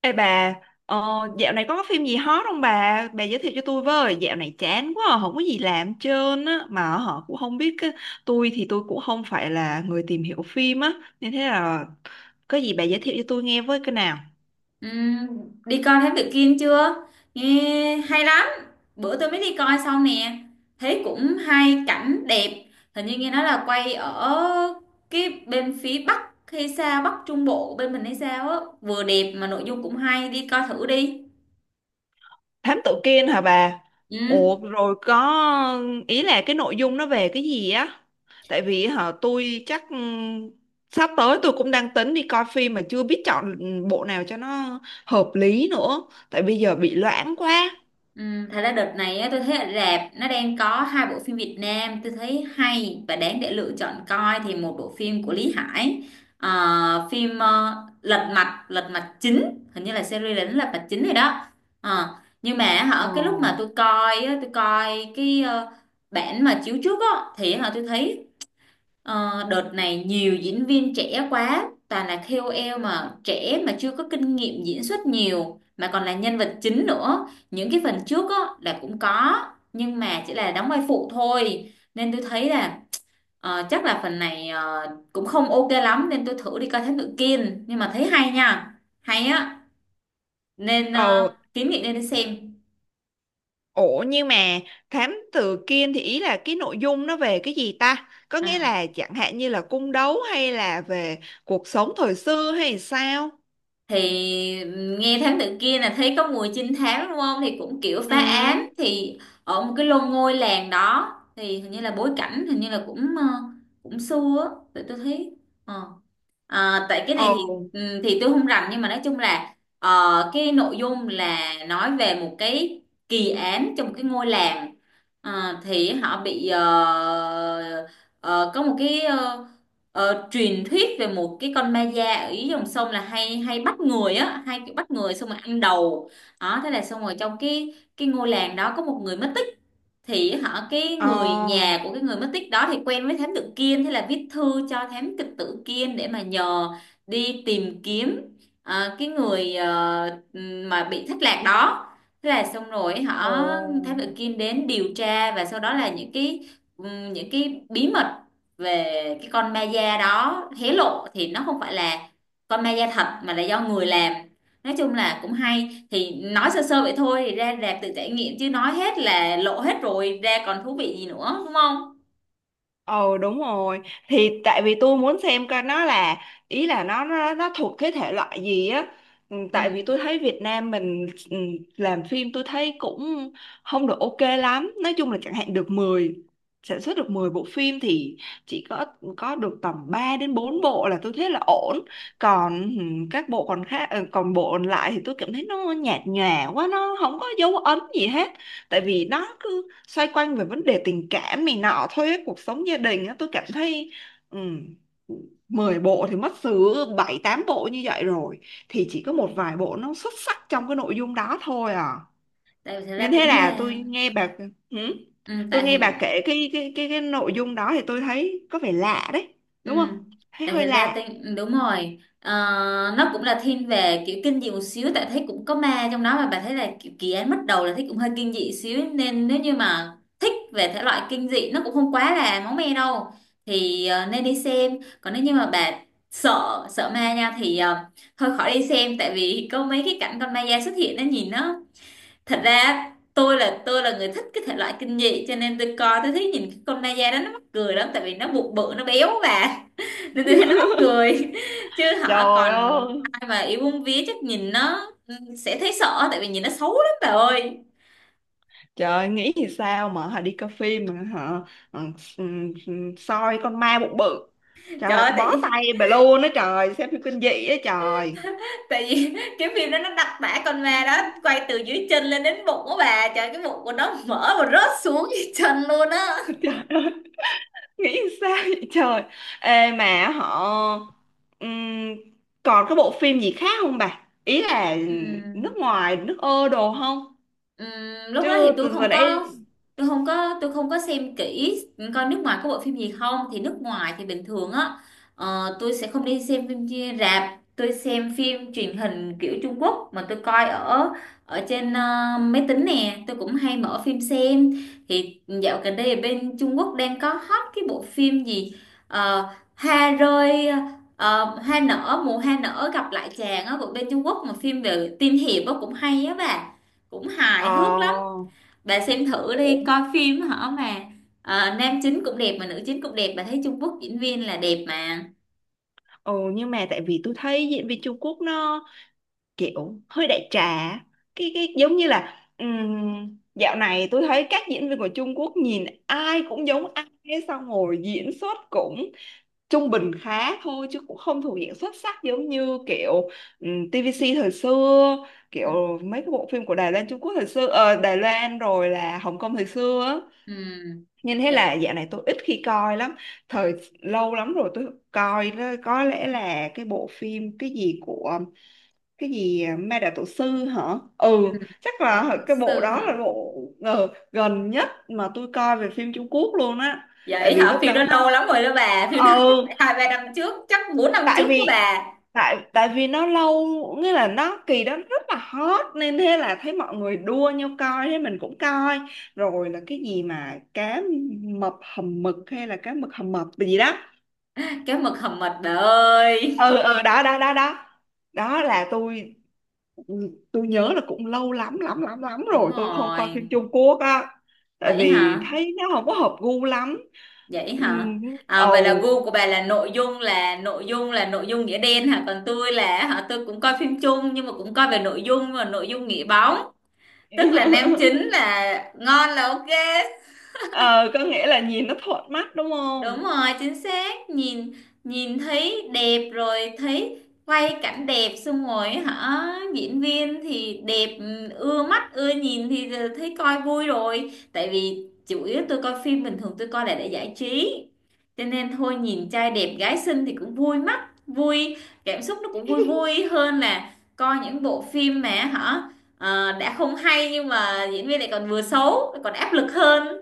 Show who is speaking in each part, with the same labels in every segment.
Speaker 1: Ê bà, ờ, dạo này có phim gì hot không bà? Bà giới thiệu cho tôi với, dạo này chán quá, à, không có gì làm hết trơn á, mà họ cũng không biết, tôi thì tôi cũng không phải là người tìm hiểu phim á, nên thế là có gì bà giới thiệu cho tôi nghe với cái nào?
Speaker 2: Ừm, Đi coi Thám Tử Kiên chưa? Nghe hay lắm. Bữa tôi mới đi coi xong nè. Thấy cũng hay, cảnh đẹp. Hình như nghe nói là quay ở cái bên phía Bắc hay sao, Bắc Trung Bộ bên mình hay sao á. Vừa đẹp mà nội dung cũng hay, đi coi thử đi.
Speaker 1: Thám tử Kiên hả bà?
Speaker 2: Ừ.
Speaker 1: Ủa rồi có, ý là cái nội dung nó về cái gì á? Tại vì hả tôi chắc sắp tới tôi cũng đang tính đi coi phim mà chưa biết chọn bộ nào cho nó hợp lý nữa, tại bây giờ bị loãng quá.
Speaker 2: Ừ, thật ra đợt này á, tôi thấy ở rạp nó đang có hai bộ phim Việt Nam tôi thấy hay và đáng để lựa chọn coi. Thì một bộ phim của Lý Hải, phim Lật Mặt chính, hình như là series là Lật Mặt chính rồi đó. Ờ, nhưng mà
Speaker 1: Ờ,
Speaker 2: hả, cái lúc mà tôi coi á, tôi coi cái bản mà chiếu trước á thì hả tôi thấy, đợt này nhiều diễn viên trẻ quá, toàn là KOL mà trẻ mà chưa có kinh nghiệm diễn xuất nhiều, mà còn là nhân vật chính nữa. Những cái phần trước á, là cũng có, nhưng mà chỉ là đóng vai phụ thôi. Nên tôi thấy là chắc là phần này cũng không ok lắm, nên tôi thử đi coi Thám Tử Kiên. Nhưng mà thấy hay nha, hay á, nên
Speaker 1: ờ,
Speaker 2: kiến nghị nên đi xem.
Speaker 1: ủa nhưng mà thám tử Kiên thì ý là cái nội dung nó về cái gì ta? Có nghĩa
Speaker 2: À.
Speaker 1: là chẳng hạn như là cung đấu hay là về cuộc sống thời xưa hay sao?
Speaker 2: Thì nghe thám tử kia là thấy có mùi trinh thám, đúng không? Thì cũng kiểu
Speaker 1: Ừ,
Speaker 2: phá án, thì ở một cái lô ngôi làng đó, thì hình như là bối cảnh hình như là cũng cũng xưa á, tụi tôi thấy ờ. À, tại cái này
Speaker 1: ồ,
Speaker 2: thì tôi không rành, nhưng mà nói chung là cái nội dung là nói về một cái kỳ án trong một cái ngôi làng. Thì họ bị có một cái truyền thuyết về một cái con ma da ở dưới dòng sông là hay hay bắt người á, hay bắt người xong rồi ăn đầu đó. Thế là xong rồi, trong cái ngôi làng đó có một người mất, thì họ, cái người
Speaker 1: ờ,
Speaker 2: nhà của cái người mất tích đó thì quen với thám tử Kiên, thế là viết thư cho thám kịch tử Kiên để mà nhờ đi tìm kiếm cái người mà bị thất lạc đó. Thế là xong rồi
Speaker 1: ồ.
Speaker 2: họ, thám tử Kiên đến điều tra, và sau đó là những cái bí mật về cái con ma da đó hé lộ, thì nó không phải là con ma da thật mà là do người làm. Nói chung là cũng hay. Thì nói sơ sơ vậy thôi, thì ra rạp tự trải nghiệm chứ nói hết là lộ hết rồi, ra còn thú vị gì nữa, đúng không?
Speaker 1: Ờ đúng rồi, thì tại vì tôi muốn xem coi nó là, ý là nó, nó thuộc cái thể loại gì á. Ừ, tại vì
Speaker 2: Ừ,
Speaker 1: tôi thấy Việt Nam mình làm phim tôi thấy cũng không được ok lắm, nói chung là chẳng hạn được 10 sản xuất được 10 bộ phim thì chỉ có được tầm 3 đến 4 bộ là tôi thấy là ổn, còn các bộ còn khác, còn bộ còn lại thì tôi cảm thấy nó nhạt nhòa quá, nó không có dấu ấn gì hết, tại
Speaker 2: ừ.
Speaker 1: vì nó cứ xoay quanh về vấn đề tình cảm này nọ thôi ấy, cuộc sống gia đình á, tôi cảm thấy um, 10 bộ thì mất xứ 7 8 bộ như vậy rồi, thì chỉ có một vài bộ nó xuất sắc trong cái nội dung đó thôi à.
Speaker 2: Tại vì thật ra,
Speaker 1: Nên thế
Speaker 2: tính
Speaker 1: là tôi
Speaker 2: ra,
Speaker 1: nghe bà, hử?
Speaker 2: ừ,
Speaker 1: Tôi
Speaker 2: tại
Speaker 1: nghe bà
Speaker 2: hình.
Speaker 1: kể cái nội dung đó thì tôi thấy có vẻ lạ đấy,
Speaker 2: Ừ.
Speaker 1: đúng không? Thấy
Speaker 2: Tại
Speaker 1: hơi
Speaker 2: thật ra
Speaker 1: lạ.
Speaker 2: tên đúng rồi. Ờ, nó cũng là thiên về kiểu kinh dị một xíu, tại thấy cũng có ma trong đó mà. Bà thấy là kiểu kỳ án, bắt đầu là thấy cũng hơi kinh dị xíu, nên nếu như mà thích về thể loại kinh dị, nó cũng không quá là máu me đâu, thì nên đi xem. Còn nếu như mà bà sợ sợ ma nha, thì thôi khỏi đi xem, tại vì có mấy cái cảnh con ma da xuất hiện nó nhìn nó, thật ra tôi là người thích cái thể loại kinh dị, cho nên tôi coi, tôi thấy nhìn cái con ma da đó nó mắc cười lắm, tại vì nó bụng bự, nó béo bà, nên tôi thấy nó mắc cười. Chứ họ
Speaker 1: Trời
Speaker 2: còn
Speaker 1: ơi,
Speaker 2: ai mà yêu bông vía chắc nhìn nó sẽ thấy sợ, tại vì nhìn nó xấu lắm bà ơi.
Speaker 1: trời ơi, nghĩ thì sao mà họ đi coi phim mà họ ừ, ừ, soi con ma bụng bự. Trời
Speaker 2: Trời
Speaker 1: ơi,
Speaker 2: ơi,
Speaker 1: tôi
Speaker 2: tại
Speaker 1: bó
Speaker 2: vì,
Speaker 1: tay bà luôn á trời, xem phim kinh dị á trời.
Speaker 2: tại vì cái phim đó nó đặc tả con ma đó, quay từ dưới chân lên đến bụng của bà trời, cái bụng của nó mở và rớt xuống dưới chân luôn á.
Speaker 1: Nghĩ thì sao vậy trời. Ê mà họ ừm, còn cái bộ phim gì khác không bà? Ý là
Speaker 2: Ừ.
Speaker 1: nước ngoài, nước ơ đồ không?
Speaker 2: Ừm, Lúc đó thì
Speaker 1: Chứ
Speaker 2: tôi
Speaker 1: từ vừa
Speaker 2: không có
Speaker 1: nãy
Speaker 2: tôi không có tôi không có xem kỹ coi nước ngoài có bộ phim gì không, thì nước ngoài thì bình thường á. Tôi sẽ không đi xem phim rạp, tôi xem phim truyền hình kiểu Trung Quốc mà tôi coi ở ở trên máy tính nè, tôi cũng hay mở phim xem. Thì dạo gần đây ở bên Trung Quốc đang có hot cái bộ phim gì, Ờ, hoa rơi hoa nở, mùa hoa nở gặp lại chàng á, của bên Trung Quốc, mà phim về tiên hiệp á, cũng hay á bà, cũng hài hước lắm.
Speaker 1: ờ
Speaker 2: Bà xem thử
Speaker 1: ủa,
Speaker 2: đi, coi phim hả mà, nam chính cũng đẹp mà nữ chính cũng đẹp. Bà thấy Trung Quốc diễn viên là đẹp mà.
Speaker 1: ừ, nhưng mà tại vì tôi thấy diễn viên Trung Quốc nó kiểu hơi đại trà, cái giống như là, dạo này tôi thấy các diễn viên của Trung Quốc nhìn ai cũng giống ai ấy, xong rồi diễn xuất cũng trung bình khá thôi chứ cũng không thuộc diện xuất sắc giống như kiểu TVC thời xưa,
Speaker 2: Ừ.
Speaker 1: kiểu mấy cái bộ phim của Đài Loan Trung Quốc thời xưa, Đài Loan rồi là Hồng Kông thời xưa á.
Speaker 2: Ừ.
Speaker 1: Nên thế
Speaker 2: Dạ.
Speaker 1: là dạo này tôi ít khi coi lắm. Thời lâu lắm rồi tôi coi đó, có lẽ là cái bộ phim cái gì của cái gì à, ma đạo tổ sư hả. Ừ,
Speaker 2: Ừ.
Speaker 1: chắc
Speaker 2: Bà là
Speaker 1: là
Speaker 2: luật
Speaker 1: cái bộ
Speaker 2: sư
Speaker 1: đó là
Speaker 2: hả?
Speaker 1: bộ gần nhất mà tôi coi về phim Trung Quốc luôn á, tại
Speaker 2: Vậy
Speaker 1: vì
Speaker 2: hả?
Speaker 1: lúc
Speaker 2: Phim
Speaker 1: đó
Speaker 2: đó
Speaker 1: nó
Speaker 2: lâu lắm rồi đó bà, phim đó chắc
Speaker 1: ừ
Speaker 2: phải 2-3 năm trước, chắc bốn năm
Speaker 1: tại
Speaker 2: trước đó
Speaker 1: vì
Speaker 2: bà.
Speaker 1: tại vì nó lâu, nghĩa là nó kỳ đó rất là hot nên thế là thấy mọi người đua nhau coi thế mình cũng coi, rồi là cái gì mà cá mập hầm mực hay là cá mực hầm mập gì đó.
Speaker 2: Cái mực hầm mật bà ơi.
Speaker 1: Ừ, ừ, đó đó đó đó đó là tôi nhớ là cũng lâu lắm lắm lắm lắm
Speaker 2: Đúng
Speaker 1: rồi tôi không coi
Speaker 2: rồi.
Speaker 1: phim Trung Quốc á, tại
Speaker 2: Vậy
Speaker 1: vì
Speaker 2: hả?
Speaker 1: thấy nó không có hợp gu lắm.
Speaker 2: Vậy
Speaker 1: Ừ,
Speaker 2: hả? À, vậy
Speaker 1: ồ.
Speaker 2: là gu của bà là nội dung nghĩa đen hả? Còn tôi là hả? Tôi cũng coi phim chung nhưng mà cũng coi về nội dung và nội dung nghĩa bóng. Tức là nam chính là ngon là ok.
Speaker 1: Ờ, có nghĩa là nhìn nó thuận mắt, đúng
Speaker 2: Đúng
Speaker 1: không?
Speaker 2: rồi, chính xác. Nhìn nhìn thấy đẹp, rồi thấy quay cảnh đẹp, xong rồi hả, diễn viên thì đẹp, ưa mắt ưa nhìn, thì thấy coi vui rồi. Tại vì chủ yếu tôi coi phim bình thường, tôi coi là để giải trí. Cho nên thôi, nhìn trai đẹp gái xinh thì cũng vui mắt, vui cảm xúc, nó cũng vui vui hơn là coi những bộ phim mà hả đã không hay, nhưng mà diễn viên lại còn vừa xấu, lại còn áp lực hơn.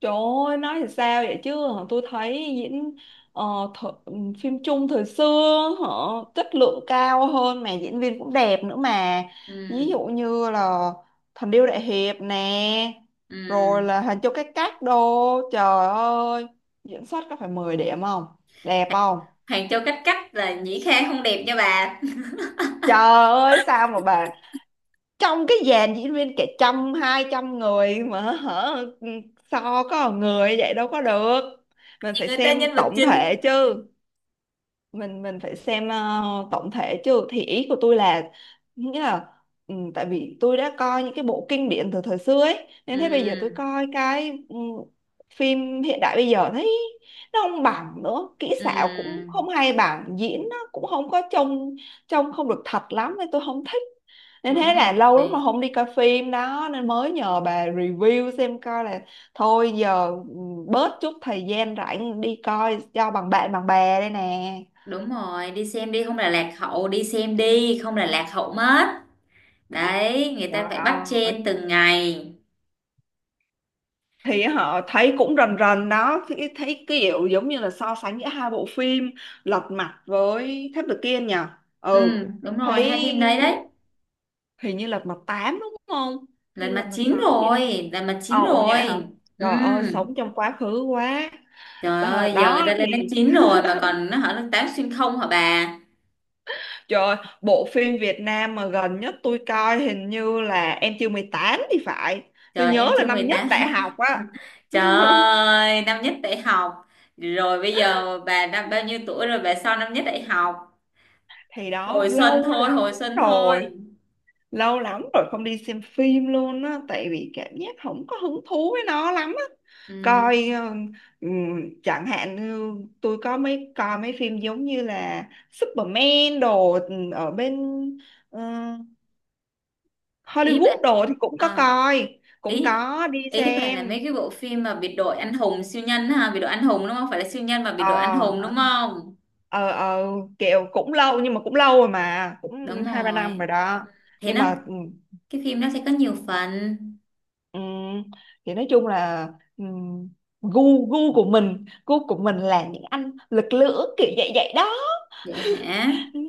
Speaker 1: Trời ơi, nói thì sao vậy chứ, tôi thấy diễn, ờ, th- ừ, phim Trung thời xưa họ chất lượng cao hơn mà diễn viên cũng đẹp nữa mà, ví
Speaker 2: Ừ.
Speaker 1: dụ như là Thần Điêu Đại Hiệp nè, rồi
Speaker 2: Ừ.
Speaker 1: là Hình Châu Cái Cách đô, trời ơi diễn xuất có phải 10 điểm không, đẹp không?
Speaker 2: Hoàng Châu Cách Cách là Nhĩ Khang không đẹp nha bà.
Speaker 1: Trời ơi sao mà bà, trong cái dàn diễn viên cả trăm 200 người mà hả, ừ, so có một người vậy đâu có được, mình
Speaker 2: Vì
Speaker 1: phải
Speaker 2: người ta
Speaker 1: xem
Speaker 2: nhân vật
Speaker 1: tổng
Speaker 2: chính.
Speaker 1: thể chứ, mình phải xem tổng thể chứ, thì ý của tôi là, nghĩa là ừ, tại vì tôi đã coi những cái bộ kinh điển từ thời xưa ấy nên thế bây giờ tôi
Speaker 2: Ừ.
Speaker 1: coi cái phim hiện đại bây giờ thấy nó không bằng nữa, kỹ xảo cũng
Speaker 2: Ừ.
Speaker 1: không hay bằng, diễn nó cũng không có trông, trông không được thật lắm nên tôi không thích, nên
Speaker 2: Đúng
Speaker 1: thế
Speaker 2: rồi,
Speaker 1: là lâu lắm mà không đi coi phim đó nên mới nhờ bà review xem coi là, thôi giờ bớt chút thời gian rảnh đi coi cho bằng bạn bằng bè đây nè.
Speaker 2: đúng rồi, đi xem đi không là lạc hậu, đi xem đi không là lạc hậu mất đấy, người ta
Speaker 1: Trời
Speaker 2: phải bắt
Speaker 1: ơi.
Speaker 2: chen từng ngày.
Speaker 1: Thì họ thấy cũng rần rần đó, thì thấy kiểu giống như là so sánh giữa hai bộ phim Lật Mặt với Tháp Được Kiên nhỉ. Ừ,
Speaker 2: Ừ, đúng rồi,
Speaker 1: thấy
Speaker 2: hai phim đấy đấy.
Speaker 1: hình như Lật Mặt 8 đúng không,
Speaker 2: Là
Speaker 1: hay Lật
Speaker 2: mặt
Speaker 1: Mặt
Speaker 2: chín
Speaker 1: 6 gì đó.
Speaker 2: rồi, là mặt chín
Speaker 1: Ồ, ồ vậy hả,
Speaker 2: rồi. Ừ.
Speaker 1: trời ơi sống trong quá khứ quá.
Speaker 2: Trời
Speaker 1: Ờ,
Speaker 2: ơi, giờ
Speaker 1: đó
Speaker 2: người ta lên đến
Speaker 1: thì
Speaker 2: chín rồi mà còn nó hỏi lớp 8 xuyên không hả bà.
Speaker 1: trời ơi, bộ phim Việt Nam mà gần nhất tôi coi hình như là Em Chưa 18 thì phải, tôi
Speaker 2: Trời,
Speaker 1: nhớ
Speaker 2: em
Speaker 1: là
Speaker 2: chưa
Speaker 1: năm
Speaker 2: mười
Speaker 1: nhất
Speaker 2: tám.
Speaker 1: đại học á.
Speaker 2: Trời ơi, năm nhất đại học. Rồi bây giờ bà năm bao nhiêu tuổi rồi bà, sau năm nhất đại học?
Speaker 1: Thì đó
Speaker 2: Hồi xuân
Speaker 1: lâu
Speaker 2: thôi,
Speaker 1: lắm
Speaker 2: hồi xuân thôi.
Speaker 1: rồi, lâu lắm rồi không đi xem phim luôn á, tại vì cảm giác không có hứng thú với nó lắm á. Coi
Speaker 2: Ừ.
Speaker 1: chẳng hạn như tôi có mấy coi mấy phim giống như là Superman đồ ở bên ờ,
Speaker 2: Ý bà
Speaker 1: Hollywood đồ thì cũng có
Speaker 2: à,
Speaker 1: coi, cũng
Speaker 2: ý
Speaker 1: có đi
Speaker 2: ý bà là
Speaker 1: xem.
Speaker 2: mấy cái bộ phim mà biệt đội anh hùng siêu nhân ha, biệt đội anh hùng, đúng không, phải là siêu nhân mà biệt đội anh hùng, đúng
Speaker 1: Ờ,
Speaker 2: không?
Speaker 1: ờ, kiểu cũng lâu nhưng mà cũng lâu rồi mà
Speaker 2: Đúng
Speaker 1: cũng hai ba năm rồi
Speaker 2: rồi.
Speaker 1: đó,
Speaker 2: Thế
Speaker 1: nhưng
Speaker 2: nó,
Speaker 1: mà,
Speaker 2: cái phim nó sẽ có nhiều phần.
Speaker 1: ừ, thì nói chung là ừm, gu gu của mình là những anh lực lưỡng kiểu vậy vậy đó.
Speaker 2: Vậy hả?
Speaker 1: Ừ,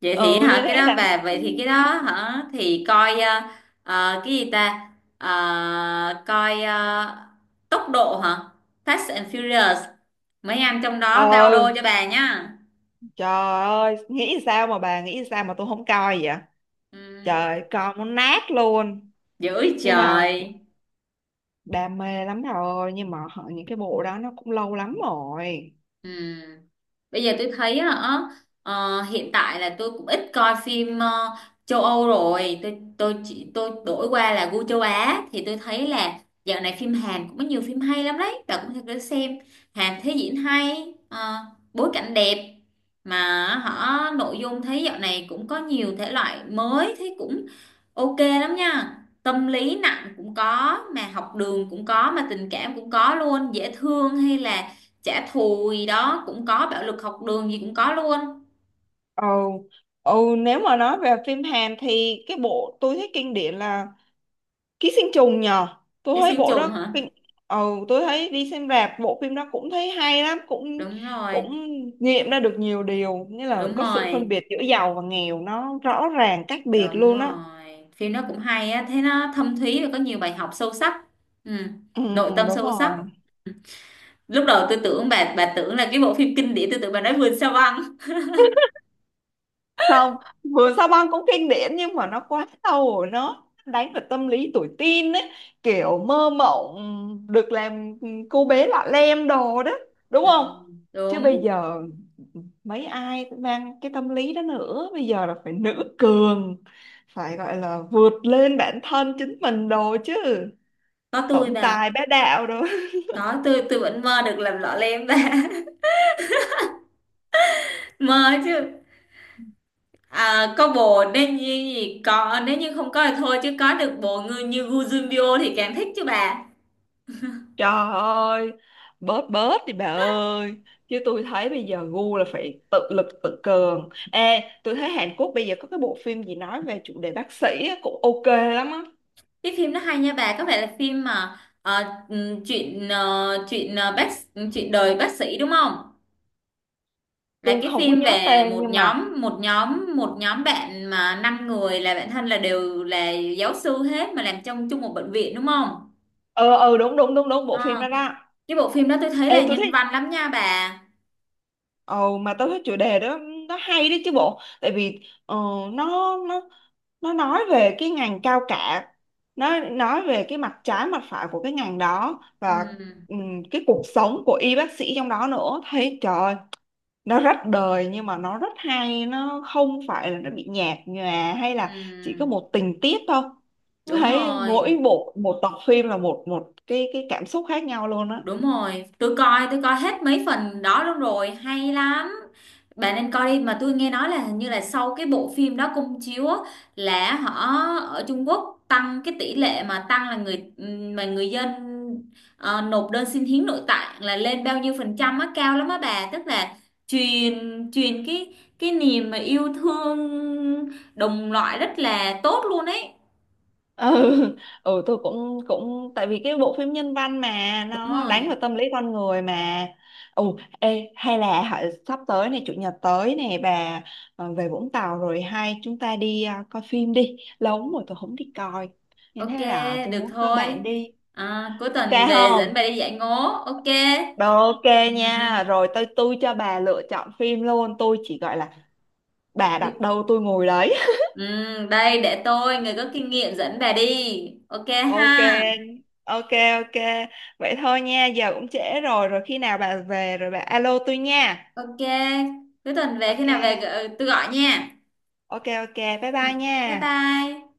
Speaker 2: Vậy thì
Speaker 1: ừ,
Speaker 2: hả,
Speaker 1: nên
Speaker 2: cái
Speaker 1: thế
Speaker 2: đó
Speaker 1: là
Speaker 2: về, vậy thì cái đó hả, thì coi cái gì ta. Coi tốc độ hả, Fast and Furious, mấy anh trong đó bao
Speaker 1: ờ
Speaker 2: đô cho bà nhá.
Speaker 1: trời ơi nghĩ sao mà bà, nghĩ sao mà tôi không coi vậy,
Speaker 2: Ừ,
Speaker 1: trời coi muốn nát luôn,
Speaker 2: dữ
Speaker 1: nhưng mà
Speaker 2: trời.
Speaker 1: đam mê lắm rồi nhưng mà những cái bộ đó nó cũng lâu lắm rồi.
Speaker 2: Ừ. Bây giờ tôi thấy á, hiện tại là tôi cũng ít coi phim châu Âu rồi, tôi đổi qua là gu châu Á, thì tôi thấy là dạo này phim Hàn cũng có nhiều phim hay lắm đấy, và cũng thật để xem. Hàn thấy diễn hay, bối cảnh đẹp, mà họ, nội dung thấy dạo này cũng có nhiều thể loại mới, thấy cũng ok lắm nha. Tâm lý nặng cũng có, mà học đường cũng có, mà tình cảm cũng có luôn. Dễ thương, hay là trả thù gì đó cũng có, bạo lực học đường gì cũng có luôn.
Speaker 1: Ừ, ừ, nếu mà nói về phim Hàn thì cái bộ tôi thấy kinh điển là ký sinh trùng nhờ, tôi
Speaker 2: Chứ
Speaker 1: thấy
Speaker 2: xuyên
Speaker 1: bộ
Speaker 2: trùng
Speaker 1: đó
Speaker 2: hả?
Speaker 1: kinh. Ừ, tôi thấy đi xem rạp bộ phim đó cũng thấy hay lắm, cũng
Speaker 2: Đúng rồi,
Speaker 1: cũng nghiệm ra được nhiều điều như là
Speaker 2: đúng
Speaker 1: có sự phân
Speaker 2: rồi,
Speaker 1: biệt giữa giàu và nghèo nó rõ ràng cách biệt
Speaker 2: đúng
Speaker 1: luôn á.
Speaker 2: rồi. Phim nó cũng hay á, thế nó thâm thúy và có nhiều bài học sâu sắc. Ừ.
Speaker 1: Ừ,
Speaker 2: Nội tâm
Speaker 1: đúng
Speaker 2: sâu sắc.
Speaker 1: rồi.
Speaker 2: Ừ. Lúc đầu tôi tưởng bà tưởng là cái bộ phim kinh điển, tôi tưởng bà nói Vườn Sao Băng.
Speaker 1: Không, vừa sao băng cũng kinh điển nhưng mà nó quá sâu rồi, nó đánh vào tâm lý tuổi teen ấy, kiểu mơ mộng được làm cô bé lọ lem đồ đó, đúng
Speaker 2: Ừ.
Speaker 1: không? Chứ bây
Speaker 2: Đúng,
Speaker 1: giờ mấy ai mang cái tâm lý đó nữa, bây giờ là phải nữ cường, phải gọi là vượt lên bản thân chính mình đồ chứ,
Speaker 2: có tôi
Speaker 1: tổng
Speaker 2: bà.
Speaker 1: tài bá đạo đồ.
Speaker 2: Có tôi vẫn mơ được làm lọ lem bà. Mơ chứ. À, có bồ nên như gì có, nếu như không có thì thôi, chứ có được bồ người như Gu Junbyo thì càng thích chứ bà.
Speaker 1: Trời ơi, bớt bớt đi bà ơi. Chứ tôi thấy bây giờ gu là phải tự lực tự cường. Ê, tôi thấy Hàn Quốc bây giờ có cái bộ phim gì nói về chủ đề bác sĩ á, cũng ok lắm á.
Speaker 2: Cái phim nó hay nha bà, có phải là phim mà ờ, ừm, chuyện ờ, chuyện ờ, bác chuyện đời bác sĩ đúng không, là
Speaker 1: Tôi
Speaker 2: cái
Speaker 1: không có
Speaker 2: phim
Speaker 1: nhớ
Speaker 2: về
Speaker 1: tên nhưng mà...
Speaker 2: một nhóm bạn mà năm người là bạn thân, là đều là giáo sư hết mà làm trong chung một bệnh viện, đúng không?
Speaker 1: Ờ, ờ, đúng, đúng, đúng, đúng, bộ
Speaker 2: Ờ,
Speaker 1: phim đó đó.
Speaker 2: cái bộ phim đó tôi thấy
Speaker 1: Ê,
Speaker 2: là
Speaker 1: tôi
Speaker 2: nhân
Speaker 1: thấy,
Speaker 2: văn lắm nha bà.
Speaker 1: ồ mà tao thấy chủ đề đó nó hay đấy chứ bộ, tại vì ờ, nó nó nó nói về cái ngành cao cả, nó nói về cái mặt trái mặt phải của cái ngành đó, và
Speaker 2: Ừ,
Speaker 1: cái cuộc sống của y bác sĩ trong đó nữa, thấy trời ơi, nó rất đời nhưng mà nó rất hay, nó không phải là nó bị nhạt nhòa hay là chỉ có
Speaker 2: ừ,
Speaker 1: một tình tiết thôi. Tôi
Speaker 2: đúng
Speaker 1: thấy
Speaker 2: rồi.
Speaker 1: mỗi bộ một tập phim là một một cái cảm xúc khác nhau luôn á.
Speaker 2: Đúng rồi, tôi coi hết mấy phần đó luôn rồi, hay lắm. Bạn nên coi đi, mà tôi nghe nói là hình như là sau cái bộ phim đó công chiếu á, là họ, ở Trung Quốc, tăng cái tỷ lệ mà tăng là người, mà người dân nộp đơn xin hiến nội tạng là lên bao nhiêu phần trăm á, cao lắm á bà, tức là truyền truyền cái niềm mà yêu thương đồng loại rất là tốt luôn ấy.
Speaker 1: Ừ, ừ, tôi cũng cũng tại vì cái bộ phim nhân văn mà
Speaker 2: Đúng
Speaker 1: nó đánh
Speaker 2: rồi.
Speaker 1: vào tâm lý con người mà. Ừ, ê hay là hả, sắp tới này chủ nhật tới này bà về Vũng Tàu rồi hay chúng ta đi, à, coi phim đi, lâu lắm rồi tôi không đi coi nên
Speaker 2: Ok,
Speaker 1: thế là tôi
Speaker 2: được
Speaker 1: muốn các
Speaker 2: thôi.
Speaker 1: bạn đi.
Speaker 2: À, cuối
Speaker 1: Ok
Speaker 2: tuần về dẫn
Speaker 1: không?
Speaker 2: bà đi dạy ngố. Ok.
Speaker 1: Rồi ok
Speaker 2: Ừm,
Speaker 1: nha, rồi tôi cho bà lựa chọn phim luôn, tôi chỉ gọi là bà
Speaker 2: đi-
Speaker 1: đặt đâu tôi ngồi đấy.
Speaker 2: Đây để tôi, người có kinh nghiệm, dẫn bà đi. Ok
Speaker 1: Ok,
Speaker 2: ha.
Speaker 1: ok, ok. Vậy thôi nha, giờ cũng trễ rồi, rồi khi nào bà về rồi bà alo tôi nha.
Speaker 2: Ok. Cuối tuần về, khi
Speaker 1: Ok,
Speaker 2: nào về tôi gọi nha.
Speaker 1: ok, ok, bye
Speaker 2: Ừm,
Speaker 1: bye nha.
Speaker 2: Bye bye.